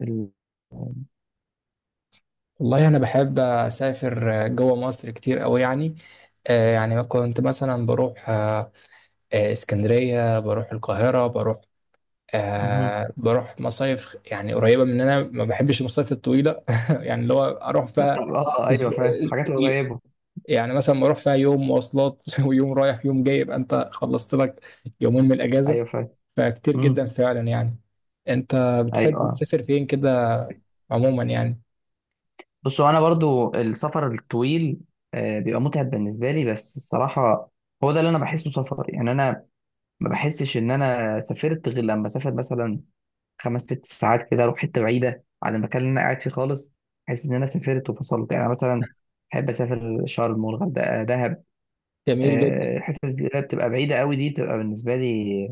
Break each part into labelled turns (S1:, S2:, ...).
S1: ال...
S2: والله أنا بحب أسافر جوه مصر كتير أوي يعني. يعني كنت مثلا بروح اسكندرية، بروح القاهرة، بروح
S1: مهم.
S2: بروح مصايف يعني قريبة مننا، ما بحبش المصايف الطويلة يعني اللي هو أروح
S1: طب،
S2: فيها
S1: ايوه،
S2: أسبوع.
S1: فاهم حاجات قريبه.
S2: يعني مثلا بروح فيها يوم مواصلات ويوم رايح يوم جاي، يبقى أنت خلصت لك يومين من الأجازة.
S1: ايوه، فاهم.
S2: فكتير جدا
S1: امم.
S2: فعلا يعني. أنت
S1: ايوه،
S2: بتحب
S1: آه.
S2: تسافر فين كده عموما يعني؟
S1: بصوا، انا برضو السفر الطويل بيبقى متعب بالنسبه لي بس الصراحه. هو ده اللي انا بحسه سفر، يعني انا ما بحسش ان انا سافرت غير لما اسافر مثلا خمس ست ساعات كده، اروح حته بعيده عن المكان اللي انا قاعد فيه خالص. احس ان انا سافرت وفصلت، يعني أنا مثلا بحب اسافر شرم والغردقه دهب.
S2: جميل جدا.
S1: الحتت اللي بتبقى بعيده قوي دي بتبقى بالنسبه لي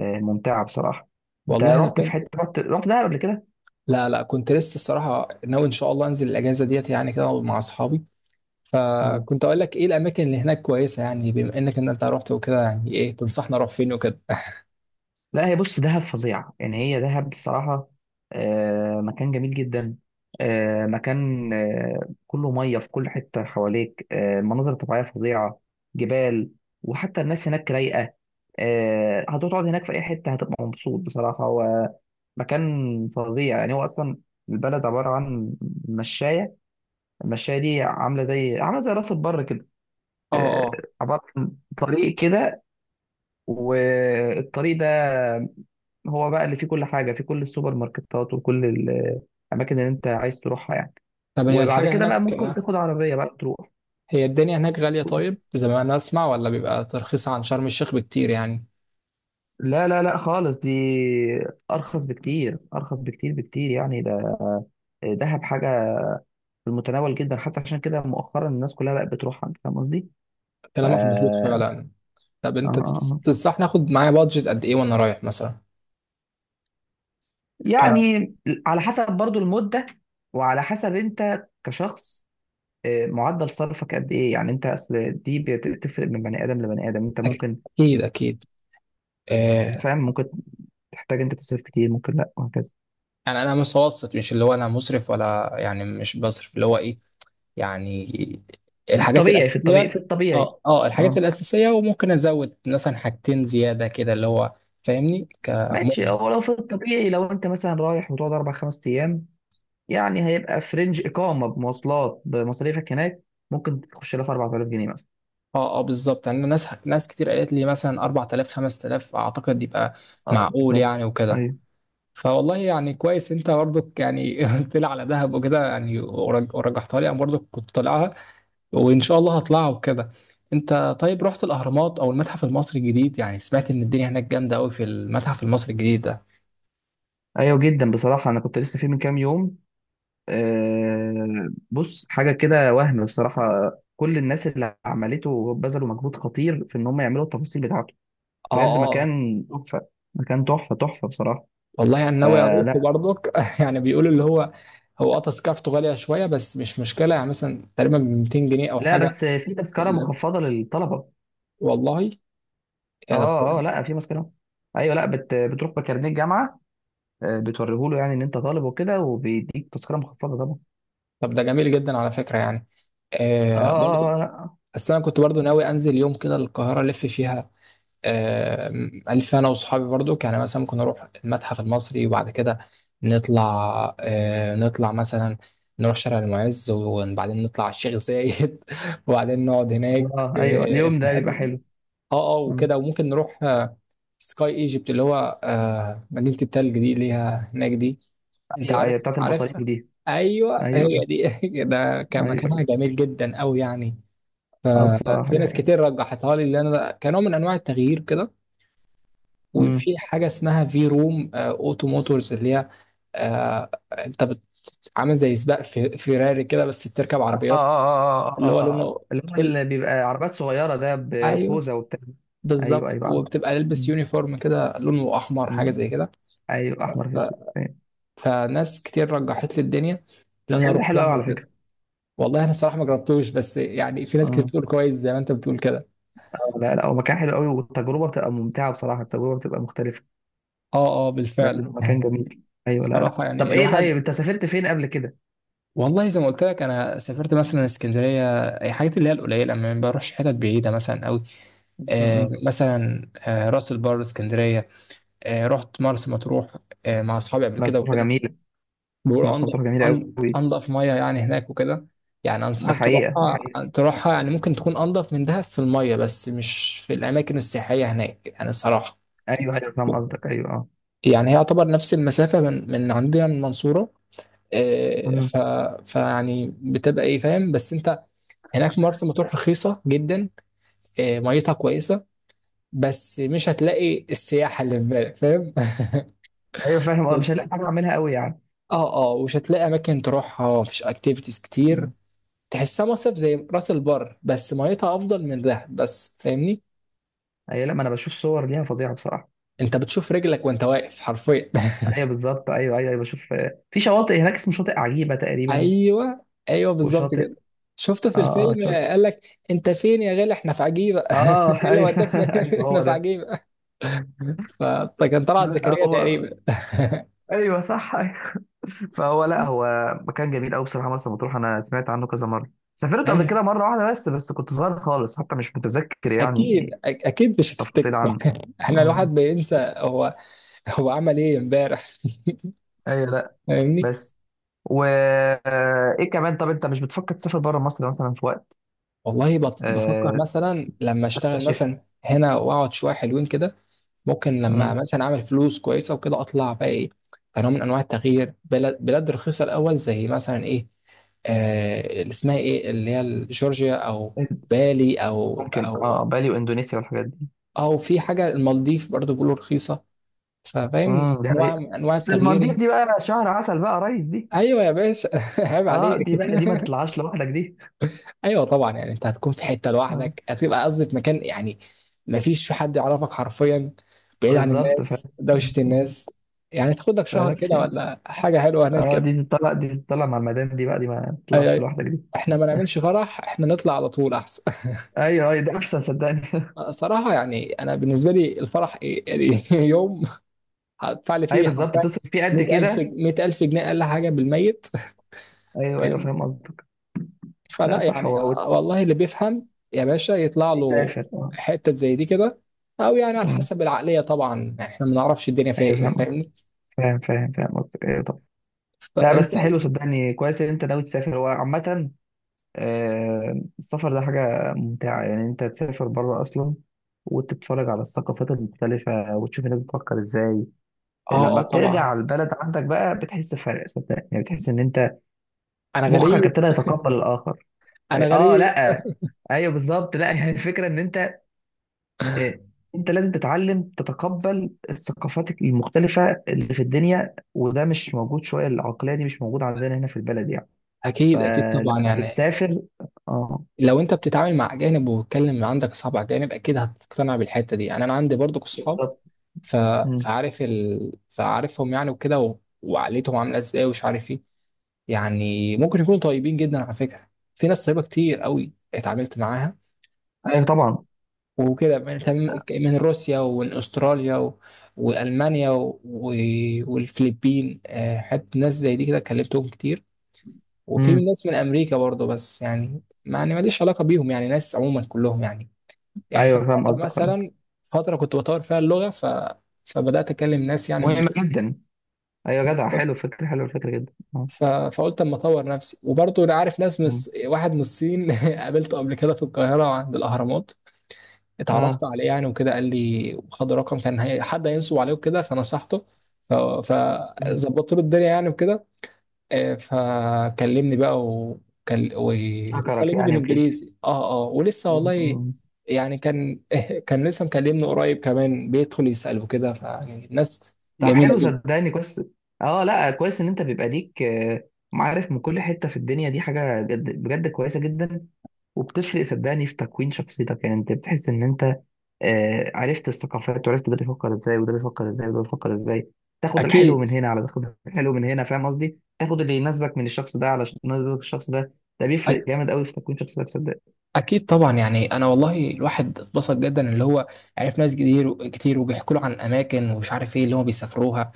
S1: ممتعه بصراحه. انت
S2: والله أنا
S1: رحت في
S2: كنت
S1: حته رحت رحت دهب قبل كده؟
S2: لا لا، كنت لسه الصراحة ناوي إن شاء الله أنزل الأجازة ديت يعني كده مع أصحابي،
S1: مم.
S2: فكنت أقول لك إيه الأماكن اللي هناك كويسة، يعني بما إنك إن أنت رحت وكده، يعني إيه تنصحنا أروح فين وكده.
S1: لا، هي بص دهب فظيعه، يعني هي دهب بصراحه مكان جميل جدا. مكان، كله ميه في كل حته حواليك، مناظر طبيعيه فظيعه، جبال. وحتى الناس هناك رايقه. هتقعد هناك في اي حته هتبقى مبسوط بصراحه. هو مكان فظيع، يعني هو اصلا البلد عباره عن مشايه. المشايه دي عامله زي راس البر كده.
S2: أه.
S1: آه،
S2: أه.
S1: عبارة عن طريق كده. والطريق ده هو بقى اللي فيه كل حاجة، فيه كل السوبر ماركتات وكل الأماكن اللي أنت عايز تروحها يعني.
S2: طب هي
S1: وبعد
S2: الحاجة
S1: كده بقى
S2: هناك،
S1: ممكن تاخد عربية بقى تروح.
S2: هي الدنيا هناك غالية طيب زي ما أنا أسمع، ولا بيبقى ترخيص عن شرم الشيخ بكتير يعني؟
S1: لا لا لا، خالص دي أرخص بكتير، أرخص بكتير بكتير، يعني ده دهب حاجة في المتناول جدا. حتى عشان كده مؤخرا الناس كلها بقت بتروحها. أنت فاهم قصدي؟ ف...
S2: كلامك
S1: آه،
S2: مظبوط فعلا. طب
S1: آه،
S2: أنت
S1: آه.
S2: تنصحني آخد معايا بادجت قد إيه وأنا رايح مثلا؟ ك-
S1: يعني على حسب برضو المدة، وعلى حسب أنت كشخص، معدل صرفك قد ايه، يعني انت اصل دي بتفرق من بني ادم لبني ادم. انت ممكن،
S2: أكيد أكيد. آه.
S1: فاهم، ممكن تحتاج انت تصرف كتير، ممكن لا، وهكذا.
S2: يعني أنا متوسط، مش اللي هو أنا مسرف ولا، يعني مش بصرف اللي هو إيه، يعني الحاجات
S1: الطبيعي في الطبيعي في
S2: الأساسية.
S1: الطبيعي
S2: اه اه، الحاجات
S1: اه
S2: الأساسية، وممكن أزود مثلا حاجتين زيادة كده اللي هو فاهمني
S1: ماشي،
S2: كعموما.
S1: هو لو في الطبيعي، لو انت مثلا رايح وتقعد اربع خمس ايام، يعني هيبقى في رينج اقامه بمواصلات بمصاريفك هناك، ممكن تخش لها في 4000 جنيه مثلا.
S2: اه اه بالظبط. يعني ناس ناس كتير قالت لي مثلا 4000 5000، أعتقد يبقى
S1: اه
S2: معقول
S1: بالظبط.
S2: يعني وكده.
S1: ايوه،
S2: فوالله يعني كويس انت برضك يعني قلت لي على دهب وكده، يعني ورجحتها لي، انا برضك كنت طالعها، وان شاء الله هطلعها وكده. انت طيب رحت الاهرامات او المتحف المصري الجديد؟ يعني سمعت ان الدنيا هناك جامده قوي في المتحف المصري الجديد ده.
S1: ايوه جدا بصراحه، انا كنت لسه فيه من كام يوم. بص، حاجة كده وهم بصراحة. كل الناس اللي عملته بذلوا مجهود خطير في إن هم يعملوا التفاصيل بتاعته.
S2: اه.
S1: بجد
S2: آه،
S1: مكان تحفة، مكان تحفة، تحفة بصراحة.
S2: والله انا ناوي اروح
S1: فلا،
S2: برضك يعني بيقولوا اللي هو هو اه تذكرته غاليه شويه، بس مش مشكله، يعني مثلا تقريبا ب 200 جنيه او
S1: لا،
S2: حاجه.
S1: بس في تذكرة
S2: ال-
S1: مخفضة للطلبة.
S2: والله، يا ده
S1: اه اه،
S2: كويس.
S1: لا في تذكرة. ايوه، لا بتروح بكارنيه الجامعة، بتوريهوله يعني ان انت طالب وكده، وبيديك تذكرة مخفضة طبعا.
S2: طب ده جميل جدا على فكره يعني.
S1: اه
S2: آه برضو.
S1: اه اه، لا.
S2: بس انا كنت برضو ناوي انزل يوم كده القاهره الف فيها. آه. الف انا واصحابي برضو، يعني مثلا ممكن نروح المتحف المصري وبعد كده نطلع، آه نطلع مثلا نروح شارع المعز، وبعدين نطلع على الشيخ زايد وبعدين نقعد هناك
S1: اه،
S2: في
S1: ايوه، اليوم
S2: في
S1: ده بيبقى
S2: حته.
S1: حلو.
S2: اه اه
S1: مم.
S2: وكده. وممكن نروح سكاي ايجيبت اللي هو، مدينة التلج دي اللي هي هناك دي، انت
S1: ايوه، ايوه
S2: عارف
S1: بتاعت البطاريق
S2: عارفها.
S1: دي.
S2: ايوه هي
S1: ايوه،
S2: دي ده كان
S1: ايوه.
S2: مكانها جميل جدا قوي يعني.
S1: اه بصراحة
S2: ففي ناس
S1: دي
S2: كتير رجحتها لي اللي انا كنوع من انواع التغيير كده.
S1: حقيقة.
S2: وفي حاجة اسمها في روم اوتو موتورز اللي هي، آه، انت عامل زي سباق في فيراري كده، بس بتركب
S1: اه اه
S2: عربيات
S1: اه اه
S2: اللي هو
S1: اه، آه.
S2: لونه
S1: اللي هو اللي بيبقى عربيات صغيرة ده
S2: ايوه
S1: بخوذة وبتاع. ايوه،
S2: بالظبط،
S1: ايوه عارف.
S2: وبتبقى لابس
S1: م-
S2: يونيفورم كده لونه احمر
S1: م-
S2: حاجه زي كده.
S1: ايوه، احمر في
S2: ف-
S1: اسود، فاهم.
S2: فناس كتير رجحت لي الدنيا ان انا
S1: المكان ده
S2: اروح
S1: حلو قوي
S2: يعني
S1: على فكرة.
S2: وكده. والله انا صراحه ما جربتوش، بس يعني في ناس كتير
S1: اه
S2: بتقول كويس زي ما انت بتقول كده.
S1: لا لا، هو مكان حلو قوي، والتجربة بتبقى ممتعة بصراحة، التجربة بتبقى مختلفة.
S2: اه اه
S1: لا لا،
S2: بالفعل.
S1: مكان جميل. ايوه، لا لا،
S2: صراحه يعني
S1: طب ايه،
S2: الواحد
S1: طيب انت سافرت فين قبل كده؟
S2: والله زي ما قلت لك، انا سافرت مثلا اسكندريه، أي حاجات اللي هي القليله، ما بروحش حتت بعيده مثلا قوي. آه
S1: امم.
S2: مثلا آه راس البر، اسكندريه، آه رحت مرسى مطروح آه مع اصحابي قبل
S1: مرسى
S2: كده
S1: مطروح
S2: وكده.
S1: جميلة.
S2: بيقولوا
S1: مرسى
S2: انضف.
S1: مطروح جميلة
S2: أن-
S1: قوي.
S2: انضف ميه يعني هناك وكده، يعني
S1: ده
S2: انصحك
S1: حقيقة، دي
S2: تروحها
S1: حقيقة.
S2: تروحها. يعني ممكن تكون انضف من دهب في الميه، بس مش في الاماكن السياحيه هناك يعني الصراحه.
S1: ايوه، ايوه فاهم قصدك، ايوه، اه.
S2: يعني هي يعتبر نفس المسافه من عندنا من المنصوره آه،
S1: م.
S2: فيعني بتبقى ايه فاهم، بس انت هناك مرسى مطروح رخيصه جدا، آه، ميتها كويسه، بس مش هتلاقي السياحه اللي في بالك فاهم
S1: ايوه فاهم، مش هلاقي حاجة اعملها قوي يعني.
S2: اه اه، ومش هتلاقي اماكن تروحها، مفيش اكتيفيتيز كتير،
S1: م.
S2: تحسها مصيف زي راس البر، بس ميتها افضل من دهب بس فاهمني.
S1: ايوه لا، ما انا بشوف صور ليها فظيعة بصراحة.
S2: انت بتشوف رجلك وانت واقف حرفيا
S1: ايوه بالظبط، ايوه ايوه ايوه، بشوف في شواطئ هناك اسمه شاطئ عجيبه تقريبا.
S2: ايوه ايوه بالظبط
S1: وشاطئ
S2: كده، شفته في
S1: اه
S2: الفيلم،
S1: اه شاطئ
S2: قال لك انت فين يا غالي؟ احنا في عجيبه
S1: اه
S2: ايه اللي
S1: ايوه،
S2: وداك
S1: ايوه
S2: احنا
S1: هو
S2: في
S1: ده.
S2: عجيبه. ف- فكان طلعت زكريا
S1: هو،
S2: تقريبا
S1: ايوه صح، ايوه. فهو لا، هو مكان جميل قوي بصراحه. مرسى مطروح انا سمعت عنه كذا مره، سافرت قبل
S2: أيوة.
S1: كده مره واحده بس كنت صغير خالص حتى، مش متذكر
S2: اكيد
S1: يعني
S2: اكيد مش هتفتكر.
S1: تفاصيل عنه.
S2: احنا الواحد
S1: أمم.
S2: بينسى هو هو عمل ايه امبارح.
S1: ايوه، لا
S2: فاهمني.
S1: بس و آه، ايه كمان، طب انت مش بتفكر تسافر بره مصر مثلا في وقت
S2: والله بفكر
S1: آه،
S2: مثلا لما اشتغل
S1: تكتشف؟
S2: مثلا هنا واقعد شويه حلوين كده، ممكن لما
S1: أمم.
S2: مثلا اعمل فلوس كويسه وكده اطلع بقى ايه، كنوع من انواع التغيير، بلد بلاد رخيصه الاول زي مثلا ايه، آه اللي اسمها ايه، اللي هي جورجيا، او بالي، او
S1: ممكن،
S2: او
S1: بالي واندونيسيا والحاجات دي.
S2: او في حاجه المالديف، برضو بيقولوا رخيصه. ففاهم
S1: دي
S2: انواع
S1: حقيقة.
S2: من انواع
S1: بس
S2: التغيير
S1: المالديف
S2: يعني.
S1: دي بقى شهر عسل بقى يا ريس دي.
S2: ايوه يا باشا عيب
S1: اه
S2: عليك
S1: دي بقى، دي ما تطلعش لوحدك دي.
S2: ايوه طبعا، يعني انت هتكون في حته
S1: آه.
S2: لوحدك، هتبقى قصدي في مكان يعني ما فيش في حد يعرفك حرفيا، بعيد عن
S1: بالظبط.
S2: الناس دوشه
S1: مم.
S2: الناس، يعني تاخد لك شهر
S1: فلاش
S2: كده
S1: يعني.
S2: ولا حاجه حلوه هناك
S1: اه
S2: كده.
S1: دي تطلع مع المدام دي بقى، دي ما
S2: أي.
S1: تطلعش
S2: أي.
S1: لوحدك دي.
S2: احنا ما نعملش فرح، احنا نطلع على طول احسن.
S1: ايوه ايوه، ده احسن صدقني.
S2: صراحه يعني انا بالنسبه لي الفرح إيه؟ يعني يوم هدفع لي
S1: ايوه
S2: فيه
S1: بالظبط،
S2: حرفيا
S1: تصرف فيه قد
S2: 100000 جنيه،
S1: كده.
S2: 100000 جنيه اقل حاجه بالميت
S1: ايوه ايوه فاهم قصدك. لا
S2: فلا
S1: صح،
S2: يعني،
S1: هو هو.
S2: والله اللي بيفهم يا باشا يطلع له
S1: تسافر،
S2: حتة زي دي كده، او يعني على
S1: آه.
S2: حسب العقلية طبعا، يعني احنا ما نعرفش الدنيا فيها
S1: ايوه فاهم
S2: ايه
S1: قصدك،
S2: فاهمني.
S1: فاهم قصدك. ايوه، طب، لا
S2: فانت
S1: بس حلو صدقني كويس ان انت ناوي تسافر. هو عامة السفر ده حاجة ممتعة، يعني أنت تسافر بره أصلا وتتفرج على الثقافات المختلفة وتشوف الناس بتفكر إزاي.
S2: اه
S1: لما
S2: اه
S1: بترجع
S2: طبعا.
S1: على البلد عندك بقى، بتحس بفرق صدقني، يعني بتحس إن أنت
S2: انا
S1: مخك
S2: غريب.
S1: ابتدى يتقبل الآخر.
S2: انا غريب.
S1: لأ. أيوه بالظبط. لأ، يعني الفكرة إن أنت، آه، أنت لازم تتعلم تتقبل الثقافات المختلفة اللي في الدنيا، وده مش موجود. شوية العقلية دي مش موجودة عندنا هنا في البلد يعني،
S2: اكيد اكيد طبعا،
S1: فلما
S2: يعني
S1: بتسافر. آه
S2: لو انت بتتعامل مع اجانب، وبتكلم عندك اصحاب اجانب، اكيد هتقتنع بالحتة دي، يعني انا عندي برضو اصحاب
S1: بالظبط.
S2: ف...
S1: مم.
S2: فعارفهم يعني وكده، وعقليتهم عامله ازاي ومش عارف ايه، يعني ممكن يكونوا طيبين جدا على فكرة، في ناس طيبة كتير قوي اتعاملت معاها
S1: أيوه طبعا.
S2: وكده، من روسيا، ومن استراليا والمانيا والفلبين، آه، حتى ناس زي دي كده كلمتهم كتير، وفي من
S1: امم
S2: ناس من امريكا برضه، بس يعني ما يعني ماليش علاقه بيهم، يعني ناس عموما كلهم يعني. يعني كان
S1: ايوه فاهم
S2: فتره
S1: قصدك، فاهم قصدك.
S2: مثلا، فتره كنت بطور فيها اللغه، فبدات اكلم ناس يعني من
S1: مهمة
S2: دول.
S1: جدا. ايوه، جدع، حلو، فكرة حلو الفكرة جدا،
S2: ف... فقلت اما اطور نفسي، وبرضه انا عارف ناس
S1: مم.
S2: واحد من الصين قابلته قبل كده في القاهره عند الاهرامات، اتعرفت
S1: اه،
S2: عليه يعني وكده، قال لي خد رقم، كان هي حد هينصب عليه وكده فنصحته. ف-
S1: مم.
S2: فظبطت له الدنيا يعني وكده. آه، فكلمني بقى،
S1: شكرك
S2: وكلمني
S1: يعني وكده.
S2: بالانجليزي. اه اه ولسه
S1: مم.
S2: والله،
S1: مم.
S2: يعني كان كان لسه مكلمني قريب كمان، بيدخل يسأل وكده، فيعني الناس
S1: طب
S2: جميلة
S1: حلو
S2: جدا.
S1: صدقني كويس. اه لا، كويس ان انت بيبقى ليك معارف من كل حتة في الدنيا، دي حاجة جد بجد كويسة جدا. وبتفرق صدقني في تكوين شخصيتك، يعني انت بتحس ان انت عرفت الثقافات، وعرفت ده بيفكر ازاي، وده بيفكر ازاي، وده بيفكر ازاي. تاخد الحلو
S2: اكيد
S1: من هنا، على تاخد الحلو من هنا، فاهم قصدي، تاخد اللي يناسبك من الشخص ده، على يناسبك الشخص ده. ده بيفرق
S2: أك-
S1: جامد قوي في تكوين شخصيتك صدقني.
S2: اكيد طبعا يعني، انا والله الواحد اتبسط جدا اللي هو عرف ناس كتير كتير، وبيحكوا له عن اماكن ومش عارف ايه اللي هم بيسافروها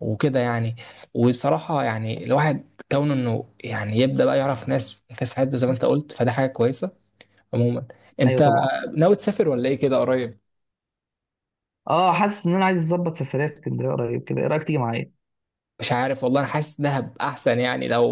S2: وكده يعني. والصراحة يعني الواحد كونه انه يعني يبدأ بقى يعرف ناس في كاس حد زي ما انت قلت، فده حاجة كويسة عموما.
S1: ايوه
S2: انت
S1: طبعا.
S2: ناوي تسافر ولا ايه كده قريب؟
S1: اه حاسس ان انا عايز اظبط سفريه اسكندريه قريب كده، ايه رايك تيجي معايا؟
S2: مش عارف والله، انا حاسس دهب احسن يعني لو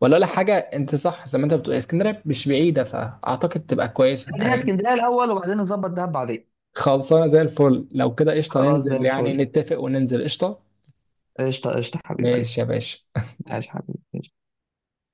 S2: ولا حاجة، انت صح زي ما انت بتقول اسكندرية مش بعيدة، فاعتقد تبقى كويسة
S1: خلينا
S2: يعني.
S1: اسكندريه الاول، وبعدين نظبط دهب بعدين.
S2: خلصانة زي الفل، لو كده قشطة
S1: خلاص، زي
S2: ننزل يعني
S1: الفل.
S2: نتفق وننزل قشطة.
S1: قشطه، قشطه، حبيب قلبي.
S2: ماشي يا باشا.
S1: عايش حبيبي.